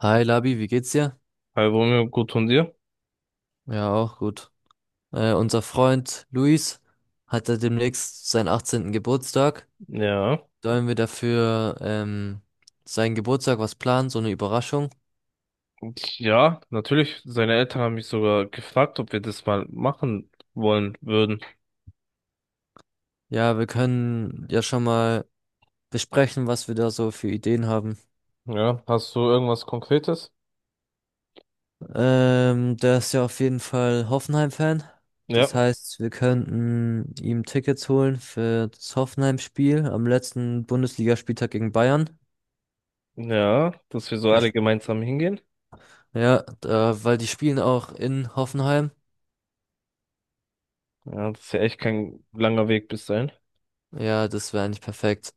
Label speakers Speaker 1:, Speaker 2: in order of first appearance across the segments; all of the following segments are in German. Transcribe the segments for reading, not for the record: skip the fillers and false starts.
Speaker 1: Hi Labi, wie geht's dir?
Speaker 2: Hallo Romeo, gut und dir?
Speaker 1: Ja, auch gut. Unser Freund Luis hat ja demnächst seinen 18. Geburtstag.
Speaker 2: Ja.
Speaker 1: Sollen wir dafür seinen Geburtstag was planen, so eine Überraschung?
Speaker 2: Und ja, natürlich. Seine Eltern haben mich sogar gefragt, ob wir das mal machen wollen würden.
Speaker 1: Ja, wir können ja schon mal besprechen, was wir da so für Ideen haben.
Speaker 2: Ja, hast du irgendwas Konkretes?
Speaker 1: Der ist ja auf jeden Fall Hoffenheim-Fan. Das
Speaker 2: Ja.
Speaker 1: heißt, wir könnten ihm Tickets holen für das Hoffenheim-Spiel am letzten Bundesligaspieltag gegen Bayern.
Speaker 2: Ja, dass wir so
Speaker 1: Da
Speaker 2: alle gemeinsam hingehen.
Speaker 1: Ja, da, weil die spielen auch in Hoffenheim.
Speaker 2: Ja, das ist ja echt kein langer Weg bis dahin.
Speaker 1: Ja, das wäre eigentlich perfekt.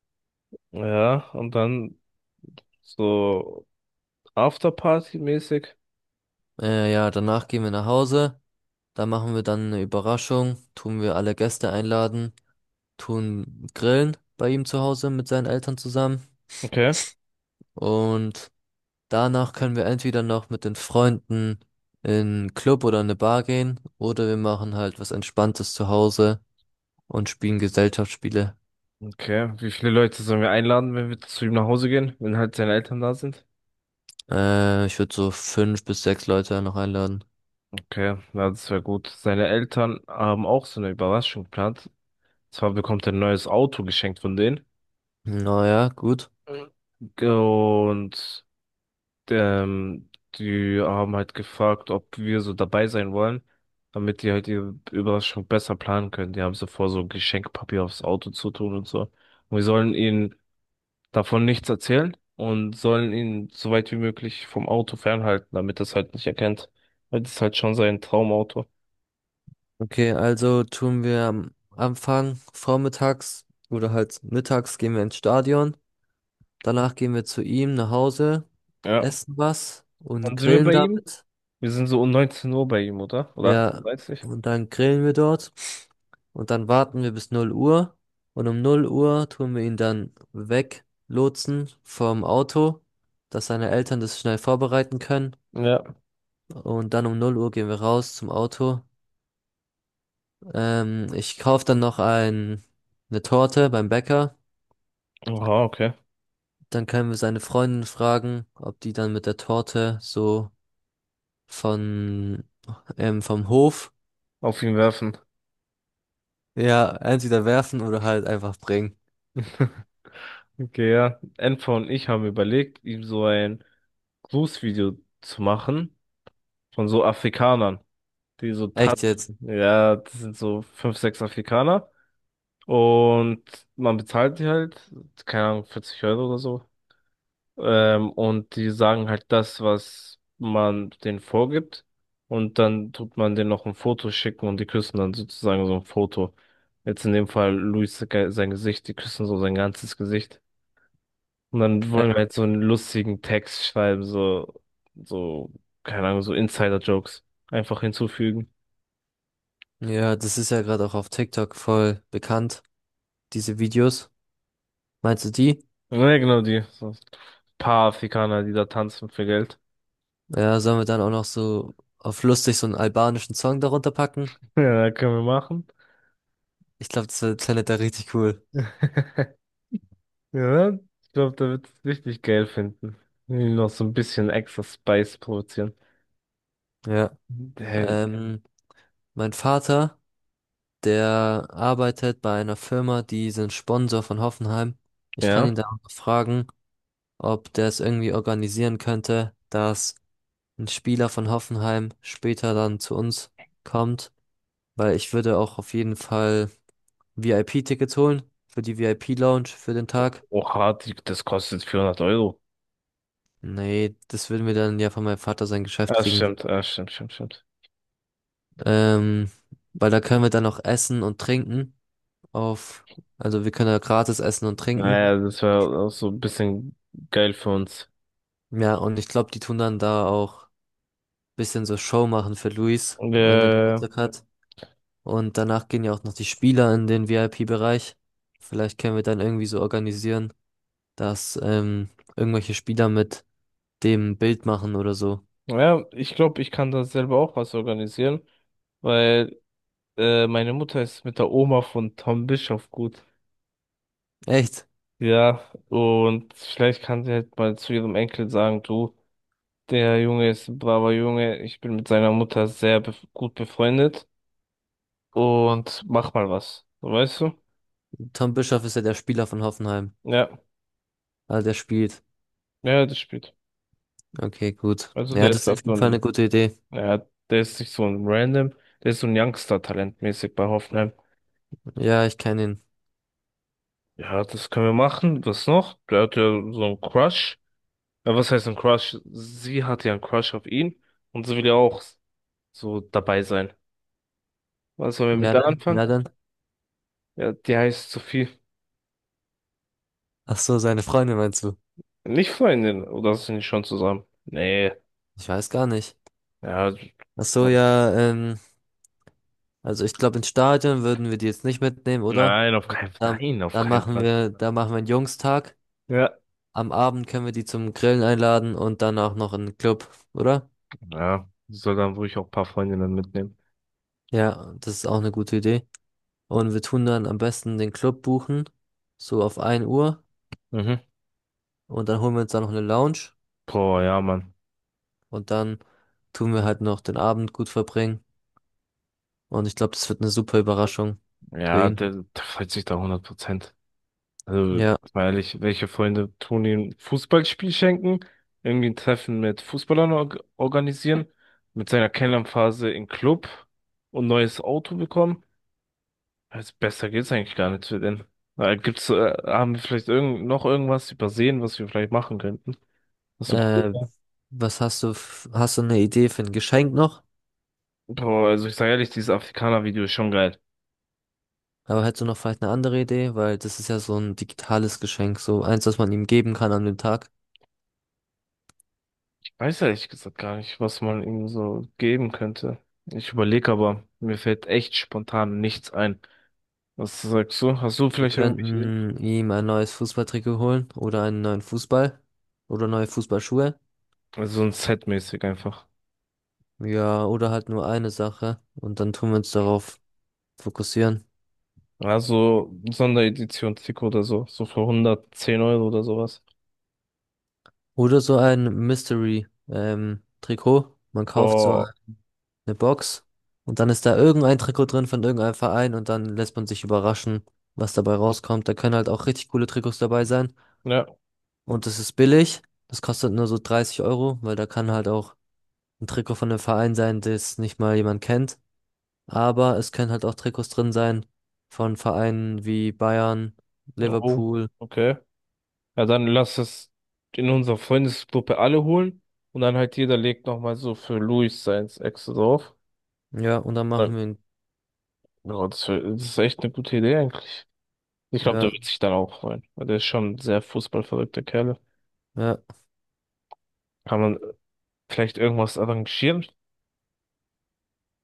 Speaker 2: Ja, und dann so Afterparty-mäßig.
Speaker 1: Ja, danach gehen wir nach Hause. Da machen wir dann eine Überraschung. Tun wir alle Gäste einladen. Tun grillen bei ihm zu Hause mit seinen Eltern zusammen.
Speaker 2: Okay.
Speaker 1: Und danach können wir entweder noch mit den Freunden in einen Club oder eine Bar gehen. Oder wir machen halt was Entspanntes zu Hause und spielen Gesellschaftsspiele.
Speaker 2: Okay. Wie viele Leute sollen wir einladen, wenn wir zu ihm nach Hause gehen, wenn halt seine Eltern da sind?
Speaker 1: Ich würde so fünf bis sechs Leute noch einladen.
Speaker 2: Okay, ja, das wäre gut. Seine Eltern haben auch so eine Überraschung geplant. Zwar bekommt er ein neues Auto geschenkt von denen.
Speaker 1: Naja, gut.
Speaker 2: Und ähm, die haben halt gefragt, ob wir so dabei sein wollen, damit die halt ihre Überraschung besser planen können. Die haben so vor, so Geschenkpapier aufs Auto zu tun und so. Und wir sollen ihnen davon nichts erzählen und sollen ihn so weit wie möglich vom Auto fernhalten, damit das halt nicht erkennt. Weil das ist halt schon sein Traumauto.
Speaker 1: Okay, also tun wir am Anfang vormittags oder halt mittags gehen wir ins Stadion. Danach gehen wir zu ihm nach Hause,
Speaker 2: Ja.
Speaker 1: essen was und
Speaker 2: Wann sind wir
Speaker 1: grillen
Speaker 2: bei ihm?
Speaker 1: damit.
Speaker 2: Wir sind so um 19 Uhr bei ihm, oder? Oder 18.30
Speaker 1: Ja,
Speaker 2: Uhr? Dreißig?
Speaker 1: und dann grillen wir dort. Und dann warten wir bis 0 Uhr. Und um 0 Uhr tun wir ihn dann weglotsen vom Auto, dass seine Eltern das schnell vorbereiten können.
Speaker 2: Ja.
Speaker 1: Und dann um 0 Uhr gehen wir raus zum Auto. Ich kaufe dann noch ein, eine Torte beim Bäcker.
Speaker 2: Aha, okay.
Speaker 1: Dann können wir seine Freundin fragen, ob die dann mit der Torte so von vom Hof
Speaker 2: Auf ihn werfen.
Speaker 1: ja entweder werfen oder halt einfach bringen.
Speaker 2: Okay, ja. Enfer und ich haben überlegt, ihm so ein Grußvideo zu machen von so Afrikanern, die so
Speaker 1: Echt jetzt?
Speaker 2: tanzen. Ja, das sind so fünf, sechs Afrikaner. Und man bezahlt die halt, keine Ahnung, 40 Euro oder so. Und die sagen halt das, was man denen vorgibt. Und dann tut man denen noch ein Foto schicken und die küssen dann sozusagen so ein Foto. Jetzt in dem Fall Luis sein Gesicht, die küssen so sein ganzes Gesicht. Und dann wollen wir
Speaker 1: Ja,
Speaker 2: jetzt so einen lustigen Text schreiben, so, so, keine Ahnung, so Insider-Jokes einfach hinzufügen.
Speaker 1: Ja, das ist ja gerade auch auf TikTok voll bekannt, diese Videos. Meinst du die?
Speaker 2: Ja, genau die. So ein paar Afrikaner, die da tanzen für Geld.
Speaker 1: Ja, sollen wir dann auch noch so auf lustig so einen albanischen Song darunter packen?
Speaker 2: Ja, können wir machen.
Speaker 1: Ich glaube, klingt da richtig cool.
Speaker 2: Ja, ich glaube, da wird es richtig geil finden. Noch so ein bisschen extra Spice produzieren.
Speaker 1: Ja.
Speaker 2: Hey,
Speaker 1: Ähm, mein Vater. Der arbeitet bei einer Firma, die sind Sponsor von Hoffenheim. Ich kann ihn
Speaker 2: ja.
Speaker 1: da auch fragen, ob der es irgendwie organisieren könnte, dass ein Spieler von Hoffenheim später dann zu uns kommt, weil ich würde auch auf jeden Fall VIP-Tickets holen für die VIP-Lounge für den Tag.
Speaker 2: Oha, das kostet 400 Euro.
Speaker 1: Nee, das würden wir dann ja von meinem Vater sein Geschäft
Speaker 2: Ah,
Speaker 1: kriegen.
Speaker 2: stimmt, ah, stimmt, stimmt, stimmt.
Speaker 1: Ähm, weil da können wir dann auch essen und trinken auf, also wir können da gratis essen und trinken.
Speaker 2: Naja, das wäre auch so ein bisschen geil für uns.
Speaker 1: Ja, und ich glaube, die tun dann da auch bisschen so Show machen für Luis, wenn er
Speaker 2: Ja.
Speaker 1: Geburtstag hat. Und danach gehen ja auch noch die Spieler in den VIP-Bereich. Vielleicht können wir dann irgendwie so organisieren, dass irgendwelche Spieler mit dem Bild machen oder so.
Speaker 2: Ja, ich glaube, ich kann da selber auch was organisieren, weil meine Mutter ist mit der Oma von Tom Bischof gut.
Speaker 1: Echt?
Speaker 2: Ja, und vielleicht kann sie halt mal zu ihrem Enkel sagen, du, der Junge ist ein braver Junge, ich bin mit seiner Mutter sehr bef gut befreundet und mach mal was. So, weißt du?
Speaker 1: Tom Bischoff ist ja der Spieler von Hoffenheim.
Speaker 2: Ja,
Speaker 1: Ah, der spielt.
Speaker 2: ja, das spielt.
Speaker 1: Okay, gut.
Speaker 2: Also
Speaker 1: Ja,
Speaker 2: der
Speaker 1: das
Speaker 2: ist
Speaker 1: ist auf
Speaker 2: nicht nur
Speaker 1: jeden Fall eine
Speaker 2: ein,
Speaker 1: gute Idee.
Speaker 2: ja, der ist nicht so ein Random, der ist so ein Youngster-Talent mäßig bei Hoffenheim.
Speaker 1: Ja, ich kenne ihn.
Speaker 2: Ja, das können wir machen. Was noch? Der hat ja so einen Crush. Ja, was heißt ein Crush? Sie hatte ja einen Crush auf ihn und sie will ja auch so dabei sein. Was sollen wir mit
Speaker 1: Wer
Speaker 2: der
Speaker 1: denn?
Speaker 2: anfangen?
Speaker 1: Wer denn?
Speaker 2: Ja, die heißt Sophie.
Speaker 1: Ach so, seine Freundin meinst du?
Speaker 2: Nicht Freundin, oder sind die schon zusammen? Nee,
Speaker 1: Ich weiß gar nicht.
Speaker 2: ja,
Speaker 1: Ach so, ja, also ich glaube, ins Stadion würden wir die jetzt nicht mitnehmen, oder?
Speaker 2: nein, auf keinen Fall,
Speaker 1: Dann,
Speaker 2: nein, auf
Speaker 1: dann
Speaker 2: keinen Fall.
Speaker 1: da machen wir einen Jungstag.
Speaker 2: Ja,
Speaker 1: Am Abend können wir die zum Grillen einladen und dann auch noch in den Club, oder?
Speaker 2: ja, sie soll dann ruhig auch ein paar Freundinnen mitnehmen.
Speaker 1: Ja, das ist auch eine gute Idee. Und wir tun dann am besten den Club buchen, so auf 1 Uhr.
Speaker 2: Mhm.
Speaker 1: Und dann holen wir uns dann noch eine Lounge.
Speaker 2: Boah, ja, Mann.
Speaker 1: Und dann tun wir halt noch den Abend gut verbringen. Und ich glaube, das wird eine super Überraschung für
Speaker 2: Ja,
Speaker 1: ihn.
Speaker 2: der freut sich da 100%. Also,
Speaker 1: Ja.
Speaker 2: weil welche Freunde tun ihm ein Fußballspiel schenken, irgendwie ein Treffen mit Fußballern organisieren, mit seiner Kennenlernphase im Club und neues Auto bekommen. Also besser geht's eigentlich gar nicht für den. Haben wir vielleicht irgend noch irgendwas übersehen, was wir vielleicht machen könnten? Was so cool
Speaker 1: Äh,
Speaker 2: wäre?
Speaker 1: was hast du, f- Hast du eine Idee für ein Geschenk noch?
Speaker 2: Boah, also ich sage ehrlich, dieses Afrikaner-Video ist schon geil.
Speaker 1: Aber hättest du noch vielleicht eine andere Idee? Weil das ist ja so ein digitales Geschenk, so eins, das man ihm geben kann an dem Tag.
Speaker 2: Ich weiß ehrlich gesagt gar nicht, was man ihm so geben könnte. Ich überlege aber, mir fällt echt spontan nichts ein. Was sagst du? Hast du
Speaker 1: Wir
Speaker 2: vielleicht irgendwelche Ideen?
Speaker 1: könnten ihm ein neues Fußballtrikot holen oder einen neuen Fußball oder neue Fußballschuhe.
Speaker 2: Also so ein Set-mäßig einfach.
Speaker 1: Ja, oder halt nur eine Sache und dann tun wir uns darauf fokussieren.
Speaker 2: Also Sonderedition-Trikot oder so. So für 110 Euro oder sowas.
Speaker 1: Oder so ein Mystery, Trikot. Man kauft so
Speaker 2: Boah.
Speaker 1: eine Box und dann ist da irgendein Trikot drin von irgendeinem Verein und dann lässt man sich überraschen, was dabei rauskommt. Da können halt auch richtig coole Trikots dabei sein.
Speaker 2: Ja.
Speaker 1: Und das ist billig. Das kostet nur so 30 Euro, weil da kann halt auch ein Trikot von einem Verein sein, das nicht mal jemand kennt. Aber es können halt auch Trikots drin sein von Vereinen wie Bayern,
Speaker 2: Oh,
Speaker 1: Liverpool.
Speaker 2: okay. Ja, dann lass es in unserer Freundesgruppe alle holen. Und dann halt jeder legt nochmal so für Luis seins extra drauf.
Speaker 1: Ja, und dann machen
Speaker 2: Ja,
Speaker 1: wir ihn.
Speaker 2: ja, das ist echt eine gute Idee eigentlich. Ich glaube,
Speaker 1: Ja,
Speaker 2: der wird sich dann auch freuen. Weil der ist schon ein sehr fußballverrückter Kerl.
Speaker 1: ja.
Speaker 2: Kann man vielleicht irgendwas arrangieren?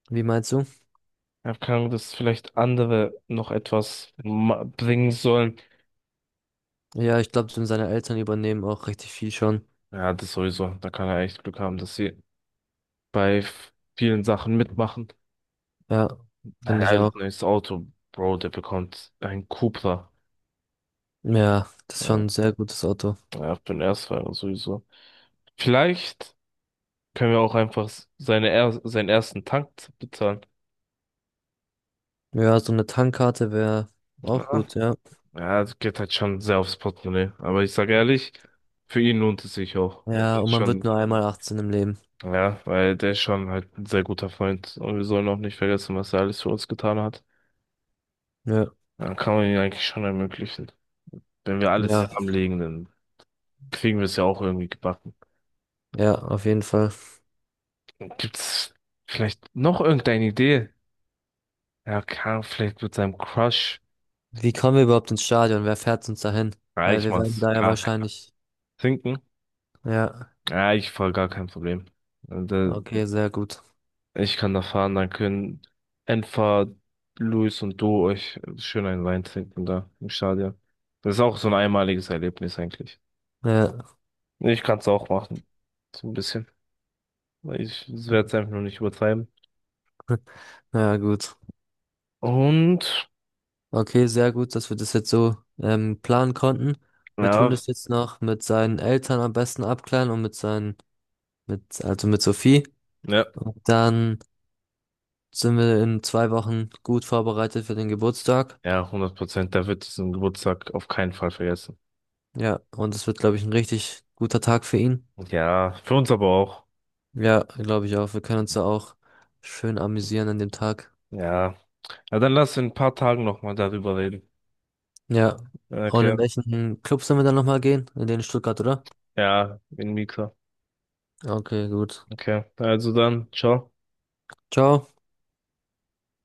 Speaker 1: Wie meinst du?
Speaker 2: Ja, keine Ahnung, dass vielleicht andere noch etwas bringen sollen.
Speaker 1: Ja, ich glaube, seine Eltern übernehmen auch richtig viel schon.
Speaker 2: Ja, das sowieso. Da kann er echt Glück haben, dass sie bei vielen Sachen mitmachen.
Speaker 1: Ja, finde ich
Speaker 2: Naja,
Speaker 1: auch.
Speaker 2: neues Auto, Bro, der bekommt ein Cupra.
Speaker 1: Ja, das ist
Speaker 2: Ja,
Speaker 1: schon ein sehr gutes Auto.
Speaker 2: ja, für den Erstfahrer sowieso. Vielleicht können wir auch einfach seinen ersten Tank bezahlen.
Speaker 1: Ja, so eine Tankkarte wäre auch
Speaker 2: Ja,
Speaker 1: gut, ja.
Speaker 2: ja, das geht halt schon sehr aufs Portemonnaie. Aber ich sage ehrlich, für ihn lohnt es sich auch.
Speaker 1: Ja, und
Speaker 2: Ist
Speaker 1: man wird
Speaker 2: schon
Speaker 1: nur einmal 18 im Leben.
Speaker 2: ja, weil der ist schon halt ein sehr guter Freund und wir sollen auch nicht vergessen, was er alles für uns getan hat.
Speaker 1: Ja,
Speaker 2: Dann kann man ihn eigentlich schon ermöglichen. Wenn wir alles
Speaker 1: ja,
Speaker 2: zusammenlegen, dann kriegen wir es ja auch irgendwie gebacken.
Speaker 1: ja, auf jeden Fall.
Speaker 2: Gibt's vielleicht noch irgendeine Idee? Ja, kann vielleicht mit seinem Crush.
Speaker 1: Wie kommen wir überhaupt ins Stadion? Wer fährt uns dahin?
Speaker 2: Ja,
Speaker 1: Weil
Speaker 2: ich
Speaker 1: wir werden
Speaker 2: mach's.
Speaker 1: da ja
Speaker 2: Kack.
Speaker 1: wahrscheinlich.
Speaker 2: Trinken?
Speaker 1: Ja,
Speaker 2: Ja, ich voll gar kein Problem. Und,
Speaker 1: okay, sehr gut.
Speaker 2: ich kann da fahren, dann können Enfer, Luis und du euch schön einen Wein trinken da im Stadion. Das ist auch so ein einmaliges Erlebnis eigentlich.
Speaker 1: Ja,
Speaker 2: Nee, ich kann es auch machen. So ein bisschen. Weil ich werde es einfach nur nicht übertreiben.
Speaker 1: ja, gut.
Speaker 2: Und
Speaker 1: Okay, sehr gut, dass wir das jetzt so planen konnten. Wir tun
Speaker 2: ja,
Speaker 1: das jetzt noch mit seinen Eltern am besten abklären und mit seinen, also mit Sophie.
Speaker 2: ja,
Speaker 1: Und dann sind wir in 2 Wochen gut vorbereitet für den Geburtstag.
Speaker 2: ja, 100%. Da wird diesen Geburtstag auf keinen Fall vergessen.
Speaker 1: Ja, und es wird, glaube ich, ein richtig guter Tag für ihn.
Speaker 2: Ja, für uns aber auch.
Speaker 1: Ja, glaube ich auch. Wir können uns da auch schön amüsieren an dem Tag.
Speaker 2: Ja. Ja, dann lass in ein paar Tagen nochmal darüber reden.
Speaker 1: Ja. Und
Speaker 2: Okay.
Speaker 1: in welchen Club sollen wir dann nochmal gehen? In Stuttgart, oder?
Speaker 2: Ja, in Mika.
Speaker 1: Okay, gut.
Speaker 2: Okay. Also dann, ciao.
Speaker 1: Ciao.